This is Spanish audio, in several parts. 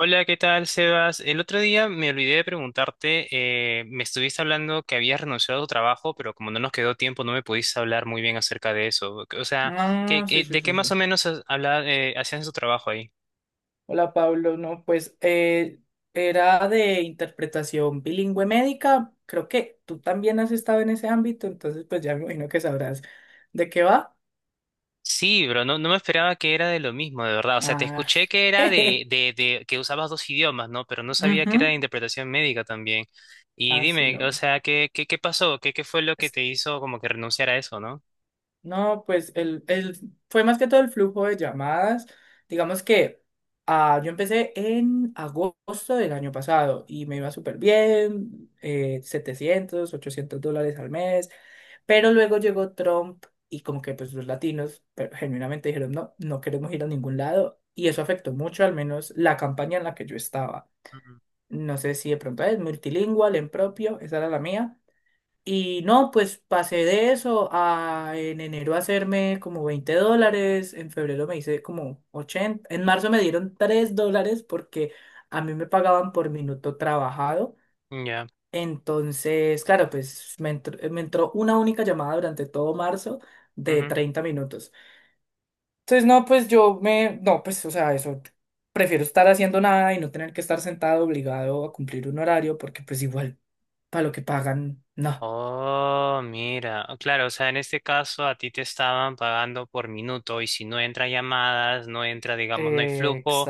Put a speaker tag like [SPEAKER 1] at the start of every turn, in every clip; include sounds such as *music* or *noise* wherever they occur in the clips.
[SPEAKER 1] Hola, ¿qué tal, Sebas? El otro día me olvidé de preguntarte, me estuviste hablando que habías renunciado a tu trabajo, pero como no nos quedó tiempo, no me pudiste hablar muy bien acerca de eso. O sea, ¿qué,
[SPEAKER 2] Ah, sí,
[SPEAKER 1] qué-
[SPEAKER 2] sí,
[SPEAKER 1] de qué
[SPEAKER 2] sí,
[SPEAKER 1] más
[SPEAKER 2] sí.
[SPEAKER 1] o menos hacías en tu trabajo ahí?
[SPEAKER 2] Hola, Pablo. No, pues era de interpretación bilingüe médica. Creo que tú también has estado en ese ámbito, entonces pues ya me imagino que sabrás de qué va.
[SPEAKER 1] Sí, bro, no, no me esperaba que era de lo mismo, de verdad. O sea, te
[SPEAKER 2] Ah,
[SPEAKER 1] escuché
[SPEAKER 2] *laughs*
[SPEAKER 1] que era de,
[SPEAKER 2] jeje.
[SPEAKER 1] de, de que usabas dos idiomas, ¿no? Pero no sabía que era de
[SPEAKER 2] Ujú.
[SPEAKER 1] interpretación médica también. Y
[SPEAKER 2] Ah, sí,
[SPEAKER 1] dime, o
[SPEAKER 2] no.
[SPEAKER 1] sea, ¿qué pasó? ¿Qué fue lo que
[SPEAKER 2] Es-
[SPEAKER 1] te hizo como que renunciar a eso, ¿no?
[SPEAKER 2] No, pues fue más que todo el flujo de llamadas. Digamos que yo empecé en agosto del año pasado y me iba súper bien, 700, 800 dólares al mes. Pero luego llegó Trump y como que pues los latinos pero genuinamente dijeron, no, no queremos ir a ningún lado. Y eso afectó mucho, al menos la campaña en la que yo estaba.
[SPEAKER 1] Ujú.
[SPEAKER 2] No sé si de pronto es multilingual, en propio, esa era la mía. Y no, pues pasé de eso a en enero hacerme como 20 dólares, en febrero me hice como 80, en marzo me dieron 3 dólares porque a mí me pagaban por minuto trabajado.
[SPEAKER 1] Ya.
[SPEAKER 2] Entonces, claro, pues me entró una única llamada durante todo marzo de 30 minutos. Entonces, no, pues yo me, no, pues, o sea, eso, prefiero estar haciendo nada y no tener que estar sentado obligado a cumplir un horario porque pues igual, para lo que pagan, no.
[SPEAKER 1] Oh, mira. Oh, claro, o sea, en este caso a ti te estaban pagando por minuto y si no entra llamadas, no entra, digamos, no hay flujo,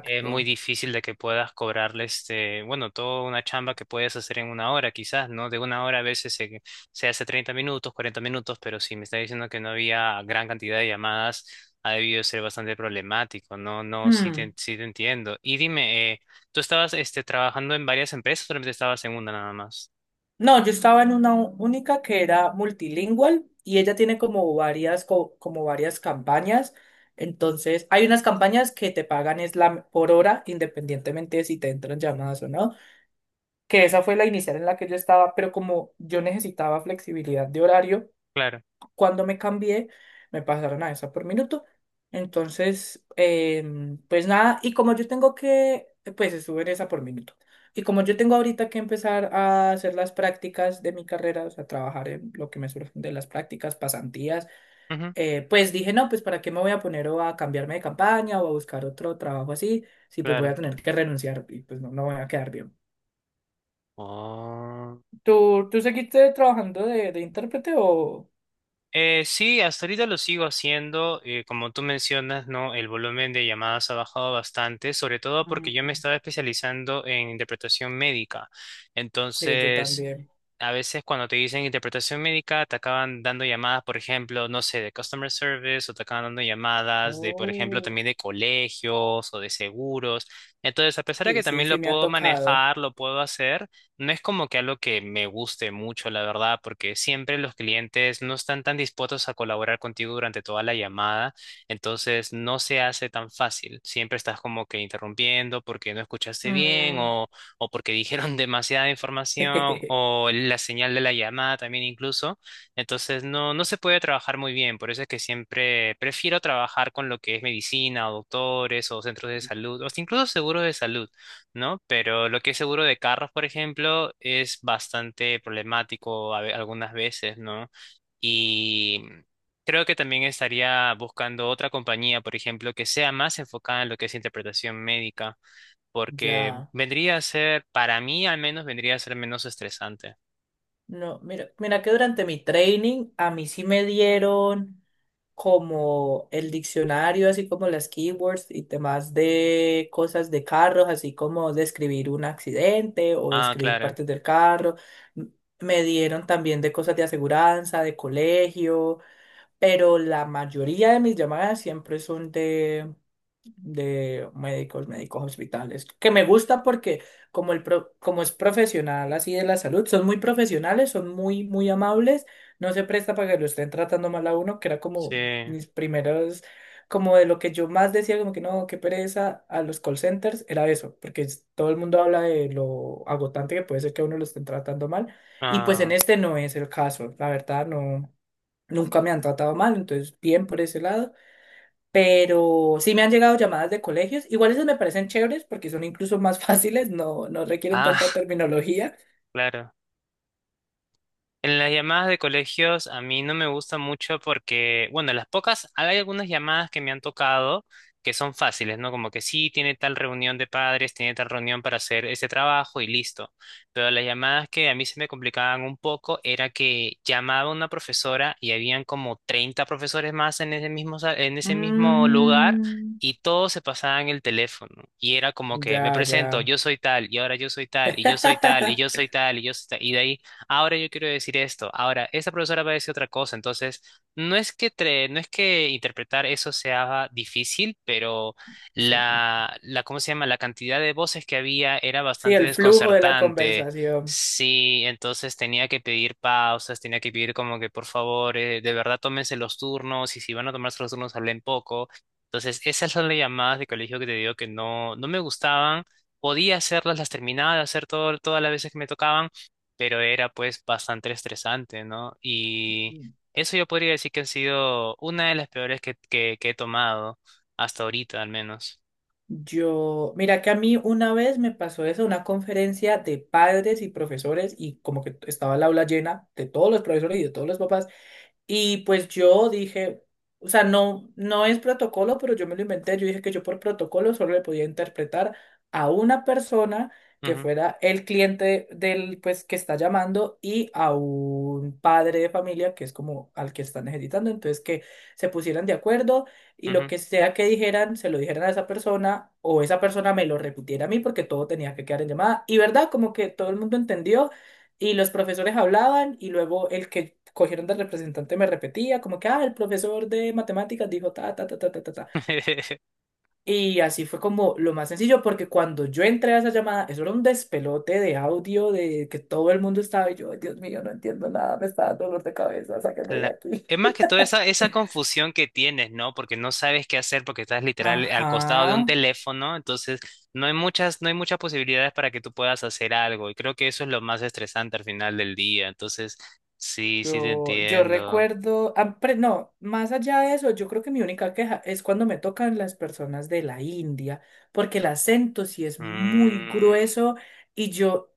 [SPEAKER 1] es muy difícil de que puedas cobrarle este, bueno, toda una chamba que puedes hacer en una hora quizás, ¿no? De una hora a veces se, se hace 30 minutos, 40 minutos, pero si me está diciendo que no había gran cantidad de llamadas, ha debido ser bastante problemático, ¿no? No,
[SPEAKER 2] Hmm.
[SPEAKER 1] sí te entiendo. Y dime, ¿tú estabas este, trabajando en varias empresas o solamente estabas en una nada más?
[SPEAKER 2] No, yo estaba en una única que era multilingüe y ella tiene como varias, como varias campañas. Entonces, hay unas campañas que te pagan es la, por hora, independientemente de si te entran llamadas o no, que esa fue la inicial en la que yo estaba, pero como yo necesitaba flexibilidad de horario,
[SPEAKER 1] Claro.
[SPEAKER 2] cuando me cambié, me pasaron a esa por minuto. Entonces, pues nada, y como yo tengo que, pues estuve en esa por minuto. Y como yo tengo ahorita que empezar a hacer las prácticas de mi carrera, o sea, trabajar en lo que me surgen de las prácticas, pasantías, pues dije, no, pues para qué me voy a poner o a cambiarme de campaña o a buscar otro trabajo así, si pues voy a
[SPEAKER 1] Claro.
[SPEAKER 2] tener que renunciar y pues no, no voy a quedar bien.
[SPEAKER 1] Oh.
[SPEAKER 2] ¿Tú, tú seguiste trabajando de intérprete o...?
[SPEAKER 1] Sí, hasta ahorita lo sigo haciendo. Como tú mencionas, ¿no? El volumen de llamadas ha bajado bastante, sobre todo porque yo me
[SPEAKER 2] Mm.
[SPEAKER 1] estaba especializando en interpretación médica.
[SPEAKER 2] Sí, yo
[SPEAKER 1] Entonces,
[SPEAKER 2] también.
[SPEAKER 1] a veces cuando te dicen interpretación médica, te acaban dando llamadas, por ejemplo, no sé, de customer service o te acaban dando llamadas de, por ejemplo,
[SPEAKER 2] Oh,
[SPEAKER 1] también de colegios o de seguros. Entonces, a pesar de
[SPEAKER 2] sí,
[SPEAKER 1] que
[SPEAKER 2] sí,
[SPEAKER 1] también
[SPEAKER 2] sí,
[SPEAKER 1] lo
[SPEAKER 2] me ha
[SPEAKER 1] puedo
[SPEAKER 2] tocado.
[SPEAKER 1] manejar, lo puedo hacer. No es como que algo que me guste mucho, la verdad, porque siempre los clientes no están tan dispuestos a colaborar contigo durante toda la llamada, entonces no se hace tan fácil. Siempre estás como que interrumpiendo porque no escuchaste bien
[SPEAKER 2] Mm,
[SPEAKER 1] o porque dijeron *laughs* demasiada
[SPEAKER 2] *laughs*
[SPEAKER 1] información
[SPEAKER 2] jejeje,
[SPEAKER 1] o la señal de la llamada también incluso. Entonces no, no se puede trabajar muy bien, por eso es que siempre prefiero trabajar con lo que es medicina o doctores o centros de salud o hasta incluso seguros de salud, ¿no? Pero lo que es seguro de carros, por ejemplo, es bastante problemático algunas veces, ¿no? Y creo que también estaría buscando otra compañía, por ejemplo, que sea más enfocada en lo que es interpretación médica, porque
[SPEAKER 2] ya.
[SPEAKER 1] vendría a ser, para mí al menos, vendría a ser menos estresante.
[SPEAKER 2] No, mira, mira que durante mi training a mí sí me dieron como el diccionario, así como las keywords y temas de cosas de carros, así como describir un accidente o
[SPEAKER 1] Ah,
[SPEAKER 2] describir
[SPEAKER 1] claro,
[SPEAKER 2] partes del carro. M- Me dieron también de cosas de aseguranza, de colegio. Pero la mayoría de mis llamadas siempre son de médicos, médicos hospitales, que me gusta porque como, como es profesional así de la salud, son muy profesionales, son muy, muy amables, no se presta para que lo estén tratando mal a uno, que era
[SPEAKER 1] sí.
[SPEAKER 2] como mis primeros, como de lo que yo más decía, como que no, qué pereza a los call centers, era eso, porque todo el mundo habla de lo agotante que puede ser que a uno lo estén tratando mal, y pues en
[SPEAKER 1] Ah,
[SPEAKER 2] este no es el caso, la verdad no. Nunca me han tratado mal, entonces bien por ese lado. Pero sí me han llegado llamadas de colegios. Igual esas me parecen chéveres porque son incluso más *laughs* fáciles, no, no requieren
[SPEAKER 1] ah,
[SPEAKER 2] tanta
[SPEAKER 1] *laughs*
[SPEAKER 2] terminología.
[SPEAKER 1] claro. En las llamadas de colegios a mí no me gusta mucho porque, bueno, las pocas, hay algunas llamadas que me han tocado que son fáciles, ¿no? Como que sí, tiene tal reunión de padres, tiene tal reunión para hacer ese trabajo y listo. Pero las llamadas que a mí se me complicaban un poco era que llamaba una profesora y habían como 30 profesores más en ese mismo, en ese mismo lugar.
[SPEAKER 2] Mm,
[SPEAKER 1] Y todos se pasaban el teléfono. Y era como que me
[SPEAKER 2] ya,
[SPEAKER 1] presento,
[SPEAKER 2] ya.
[SPEAKER 1] yo soy tal, y ahora yo soy tal, y yo soy tal, y yo
[SPEAKER 2] *laughs*
[SPEAKER 1] soy tal, y yo soy tal. Y de ahí ahora yo quiero decir esto, ahora esta profesora va a decir otra cosa, entonces no es que interpretar eso sea difícil, pero
[SPEAKER 2] Sí,
[SPEAKER 1] ¿cómo se llama? La cantidad de voces que había era
[SPEAKER 2] sí,
[SPEAKER 1] bastante
[SPEAKER 2] el flujo de la
[SPEAKER 1] desconcertante.
[SPEAKER 2] conversación.
[SPEAKER 1] Sí, entonces tenía que pedir pausas, tenía que pedir como que por favor, de verdad tómense los turnos y si van a tomarse los turnos hablen poco. Entonces, esas son las llamadas de colegio que te digo que no, no me gustaban. Podía hacerlas, las terminaba de hacer todo, todas las veces que me tocaban pero era pues bastante estresante, ¿no? Y eso yo podría decir que ha sido una de las peores que he tomado, hasta ahorita al menos.
[SPEAKER 2] Yo, mira que a mí una vez me pasó eso, una conferencia de padres y profesores y como que estaba el aula llena de todos los profesores y de todos los papás. Y pues yo dije, o sea, no, no es protocolo, pero yo me lo inventé. Yo dije que yo por protocolo solo le podía interpretar a una persona que
[SPEAKER 1] Ujú,
[SPEAKER 2] fuera el cliente del, pues, que está llamando y a un padre de familia que es como al que están necesitando. Entonces, que se pusieran de acuerdo y lo
[SPEAKER 1] ujú.
[SPEAKER 2] que sea que dijeran, se lo dijeran a esa persona o esa persona me lo repitiera a mí porque todo tenía que quedar en llamada. Y verdad, como que todo el mundo entendió y los profesores hablaban y luego el que cogieron de representante me repetía, como que, ah, el profesor de matemáticas dijo ta, ta, ta, ta, ta, ta, ta.
[SPEAKER 1] *laughs*
[SPEAKER 2] Y así fue como lo más sencillo, porque cuando yo entré a esa llamada, eso era un despelote de audio, de que todo el mundo estaba, y yo, Dios mío, no entiendo nada, me está dando dolor de cabeza, sáquenme de
[SPEAKER 1] La-
[SPEAKER 2] aquí.
[SPEAKER 1] Es más que toda esa, esa confusión que tienes, ¿no? Porque no sabes qué hacer porque estás literal al costado de
[SPEAKER 2] Ajá.
[SPEAKER 1] un teléfono, entonces no hay muchas, no hay muchas posibilidades para que tú puedas hacer algo, y creo que eso es lo más estresante al final del día, entonces sí, sí te
[SPEAKER 2] Yo
[SPEAKER 1] entiendo.
[SPEAKER 2] recuerdo, ah, no, más allá de eso, yo creo que mi única queja es cuando me tocan las personas de la India, porque el acento sí es muy
[SPEAKER 1] Mm.
[SPEAKER 2] grueso y yo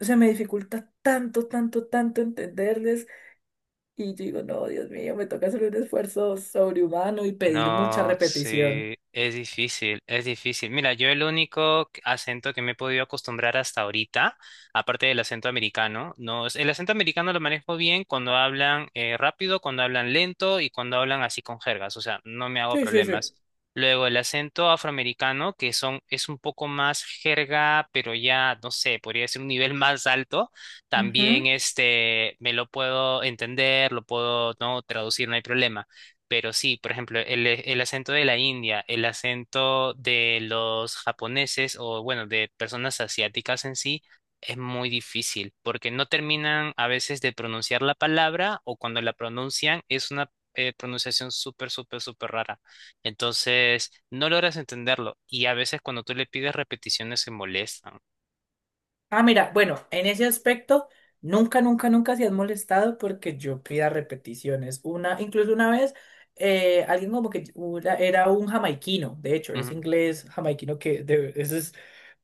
[SPEAKER 2] se me dificulta tanto, tanto, tanto entenderles y yo digo, no, Dios mío, me toca hacer un esfuerzo sobrehumano y pedir mucha
[SPEAKER 1] No,
[SPEAKER 2] repetición.
[SPEAKER 1] sí, es difícil, es difícil. Mira, yo el único acento que me he podido acostumbrar hasta ahorita, aparte del acento americano, no, el acento americano lo manejo bien cuando hablan rápido, cuando hablan lento y cuando hablan así con jergas, o sea, no me hago
[SPEAKER 2] Sí, sí,
[SPEAKER 1] problemas. Luego el acento afroamericano, que son, es un poco más jerga, pero ya, no sé, podría ser un nivel *laughs* más alto.
[SPEAKER 2] sí.
[SPEAKER 1] También este, me lo puedo entender, lo puedo, no, traducir, no hay problema. Pero sí, por ejemplo, el acento de la India, el acento de los japoneses o, bueno, de personas asiáticas en sí, es muy difícil porque no terminan a veces de pronunciar la palabra o cuando la pronuncian es una pronunciación súper, súper, súper rara. Entonces, no logras entenderlo y a veces cuando tú le pides repeticiones se molestan.
[SPEAKER 2] Ah, mira, bueno, en ese aspecto, nunca, nunca, nunca se han molestado porque yo pida repeticiones. Una, incluso una vez, alguien como que era un jamaiquino, de hecho, es
[SPEAKER 1] Ujú.
[SPEAKER 2] inglés jamaiquino que eso es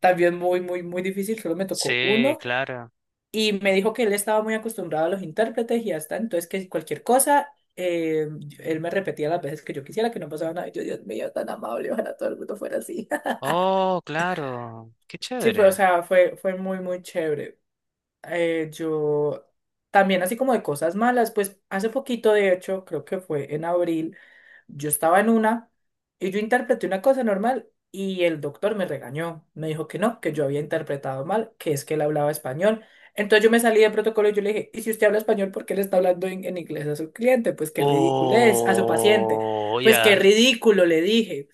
[SPEAKER 2] también muy, muy, muy difícil, solo me tocó
[SPEAKER 1] Sí,
[SPEAKER 2] uno
[SPEAKER 1] claro.
[SPEAKER 2] y me dijo que él estaba muy acostumbrado a los intérpretes y hasta entonces que si cualquier cosa, él me repetía las veces que yo quisiera, que no pasaba nada. Y yo, Dios mío, tan amable, ojalá todo el mundo fuera así. *laughs*
[SPEAKER 1] Oh, claro. Qué
[SPEAKER 2] Sí, fue, o
[SPEAKER 1] chévere.
[SPEAKER 2] sea, fue, fue muy, muy chévere. Yo también así como de cosas malas, pues hace poquito, de hecho, creo que fue en abril, yo estaba en una y yo interpreté una cosa normal y el doctor me regañó, me dijo que no, que yo había interpretado mal, que es que él hablaba español. Entonces yo me salí del protocolo y yo le dije, ¿y si usted habla español, por qué le está hablando en inglés a su cliente? Pues qué ridículo es, a su paciente.
[SPEAKER 1] Oh,
[SPEAKER 2] Pues qué
[SPEAKER 1] ya.
[SPEAKER 2] ridículo, le dije.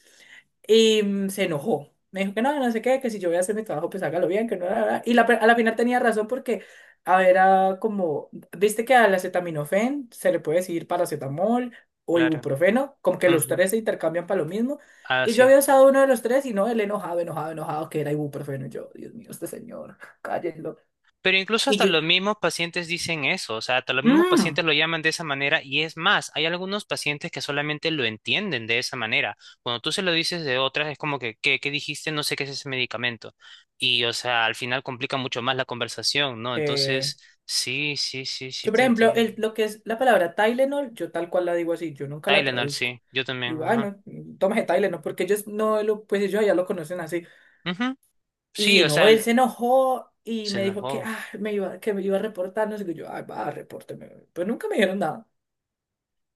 [SPEAKER 2] Y mm, se enojó. Me dijo que no sé qué, que si yo voy a hacer mi trabajo, pues hágalo bien, que no, la, la, y a la final tenía razón porque, a ver, era como, viste que al acetaminofén se le puede decir paracetamol o
[SPEAKER 1] Claro.
[SPEAKER 2] ibuprofeno, como que los
[SPEAKER 1] Ujú.
[SPEAKER 2] tres se intercambian para lo mismo. Y yo
[SPEAKER 1] Así es.
[SPEAKER 2] había usado uno de los tres y no, el enojado, enojado, enojado, que era ibuprofeno. Y yo, Dios mío, este señor, cállenlo.
[SPEAKER 1] Pero incluso
[SPEAKER 2] Y
[SPEAKER 1] hasta
[SPEAKER 2] yo,
[SPEAKER 1] los mismos pacientes dicen eso, o sea, hasta los mismos
[SPEAKER 2] mmm,
[SPEAKER 1] pacientes lo llaman de esa manera y es más, hay algunos pacientes que solamente lo entienden de esa manera. Cuando tú se lo dices de otras, es como que, ¿qué, qué dijiste? No sé qué es ese medicamento. Y, o sea, al final complica mucho más la conversación, ¿no? Entonces, sí, sí, sí, sí,
[SPEAKER 2] yo, por
[SPEAKER 1] te
[SPEAKER 2] ejemplo,
[SPEAKER 1] entiendo.
[SPEAKER 2] lo que es la palabra Tylenol, yo tal cual la digo así, yo nunca la
[SPEAKER 1] Tylenol,
[SPEAKER 2] traduzco.
[SPEAKER 1] sí, yo también,
[SPEAKER 2] Digo, ah,
[SPEAKER 1] ajá.
[SPEAKER 2] no, tómese Tylenol, porque ellos no lo, pues ellos ya lo conocen así.
[SPEAKER 1] Ujú. Sí,
[SPEAKER 2] Y
[SPEAKER 1] o
[SPEAKER 2] no,
[SPEAKER 1] sea,
[SPEAKER 2] él se enojó y
[SPEAKER 1] se
[SPEAKER 2] me dijo que,
[SPEAKER 1] enojó.
[SPEAKER 2] ah, me iba, que me iba a reportar, no sé qué. Yo, ah, va, repórteme. Pues nunca me dijeron nada.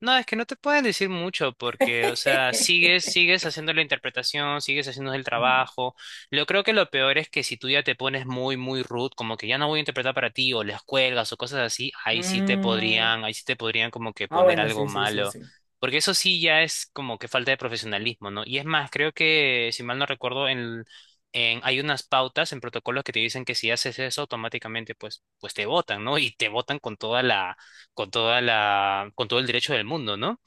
[SPEAKER 1] No, es que no te pueden decir mucho porque, o sea, sigues,
[SPEAKER 2] *laughs*
[SPEAKER 1] sigues haciendo la interpretación, sigues haciendo el
[SPEAKER 2] Mm.
[SPEAKER 1] trabajo. Yo creo que lo peor es que si tú ya te pones muy, muy rude, como que ya no voy a interpretar para ti, o les cuelgas o cosas así, ahí sí te
[SPEAKER 2] Mm,
[SPEAKER 1] podrían, ahí sí te podrían como que
[SPEAKER 2] ah,
[SPEAKER 1] poner
[SPEAKER 2] bueno,
[SPEAKER 1] algo
[SPEAKER 2] sí, sí, sí,
[SPEAKER 1] malo.
[SPEAKER 2] sí.
[SPEAKER 1] Porque eso sí ya es como que falta de profesionalismo, ¿no? Y es más, creo que, si mal no recuerdo, hay unas pautas en protocolos que te dicen que si haces eso automáticamente, pues, pues te botan, ¿no? Y te botan con toda la con toda la, con todo el derecho del mundo, ¿no?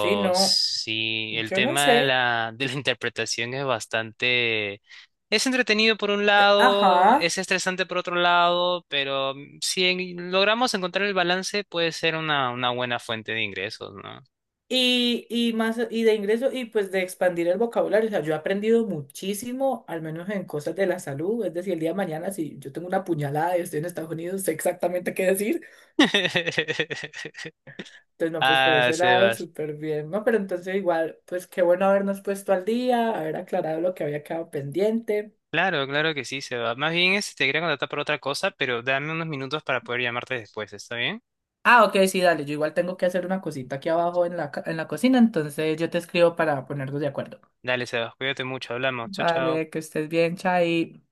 [SPEAKER 2] Sí, no,
[SPEAKER 1] sí, el
[SPEAKER 2] yo no
[SPEAKER 1] tema de
[SPEAKER 2] sé.
[SPEAKER 1] de la *laughs* interpretación es bastante, es entretenido por un lado,
[SPEAKER 2] Ajá.
[SPEAKER 1] es estresante por otro lado, pero si logramos encontrar el balance, puede ser una buena fuente de ingresos, ¿no?
[SPEAKER 2] Y más y de ingreso y pues de expandir el vocabulario. O sea, yo he aprendido muchísimo, al menos en cosas de la salud. Es decir, el día de mañana, si yo tengo una puñalada y estoy en Estados Unidos, sé exactamente qué decir.
[SPEAKER 1] *laughs*
[SPEAKER 2] Entonces, no, pues por
[SPEAKER 1] Ah,
[SPEAKER 2] ese lado,
[SPEAKER 1] Sebas.
[SPEAKER 2] súper bien, ¿no? Pero entonces igual, pues qué bueno habernos puesto al día, haber aclarado lo que había quedado pendiente.
[SPEAKER 1] Claro, claro que sí, Sebas. Más bien este, te quería contratar por otra cosa, pero dame unos minutos para poder llamarte después, ¿está bien?
[SPEAKER 2] Ah, ok, sí, dale, yo igual tengo que hacer una cosita aquí abajo en la, en la cocina, entonces yo te escribo para ponernos de acuerdo.
[SPEAKER 1] Dale, Sebas, cuídate mucho, hablamos. Chao, chao.
[SPEAKER 2] Vale, que estés bien, Chai.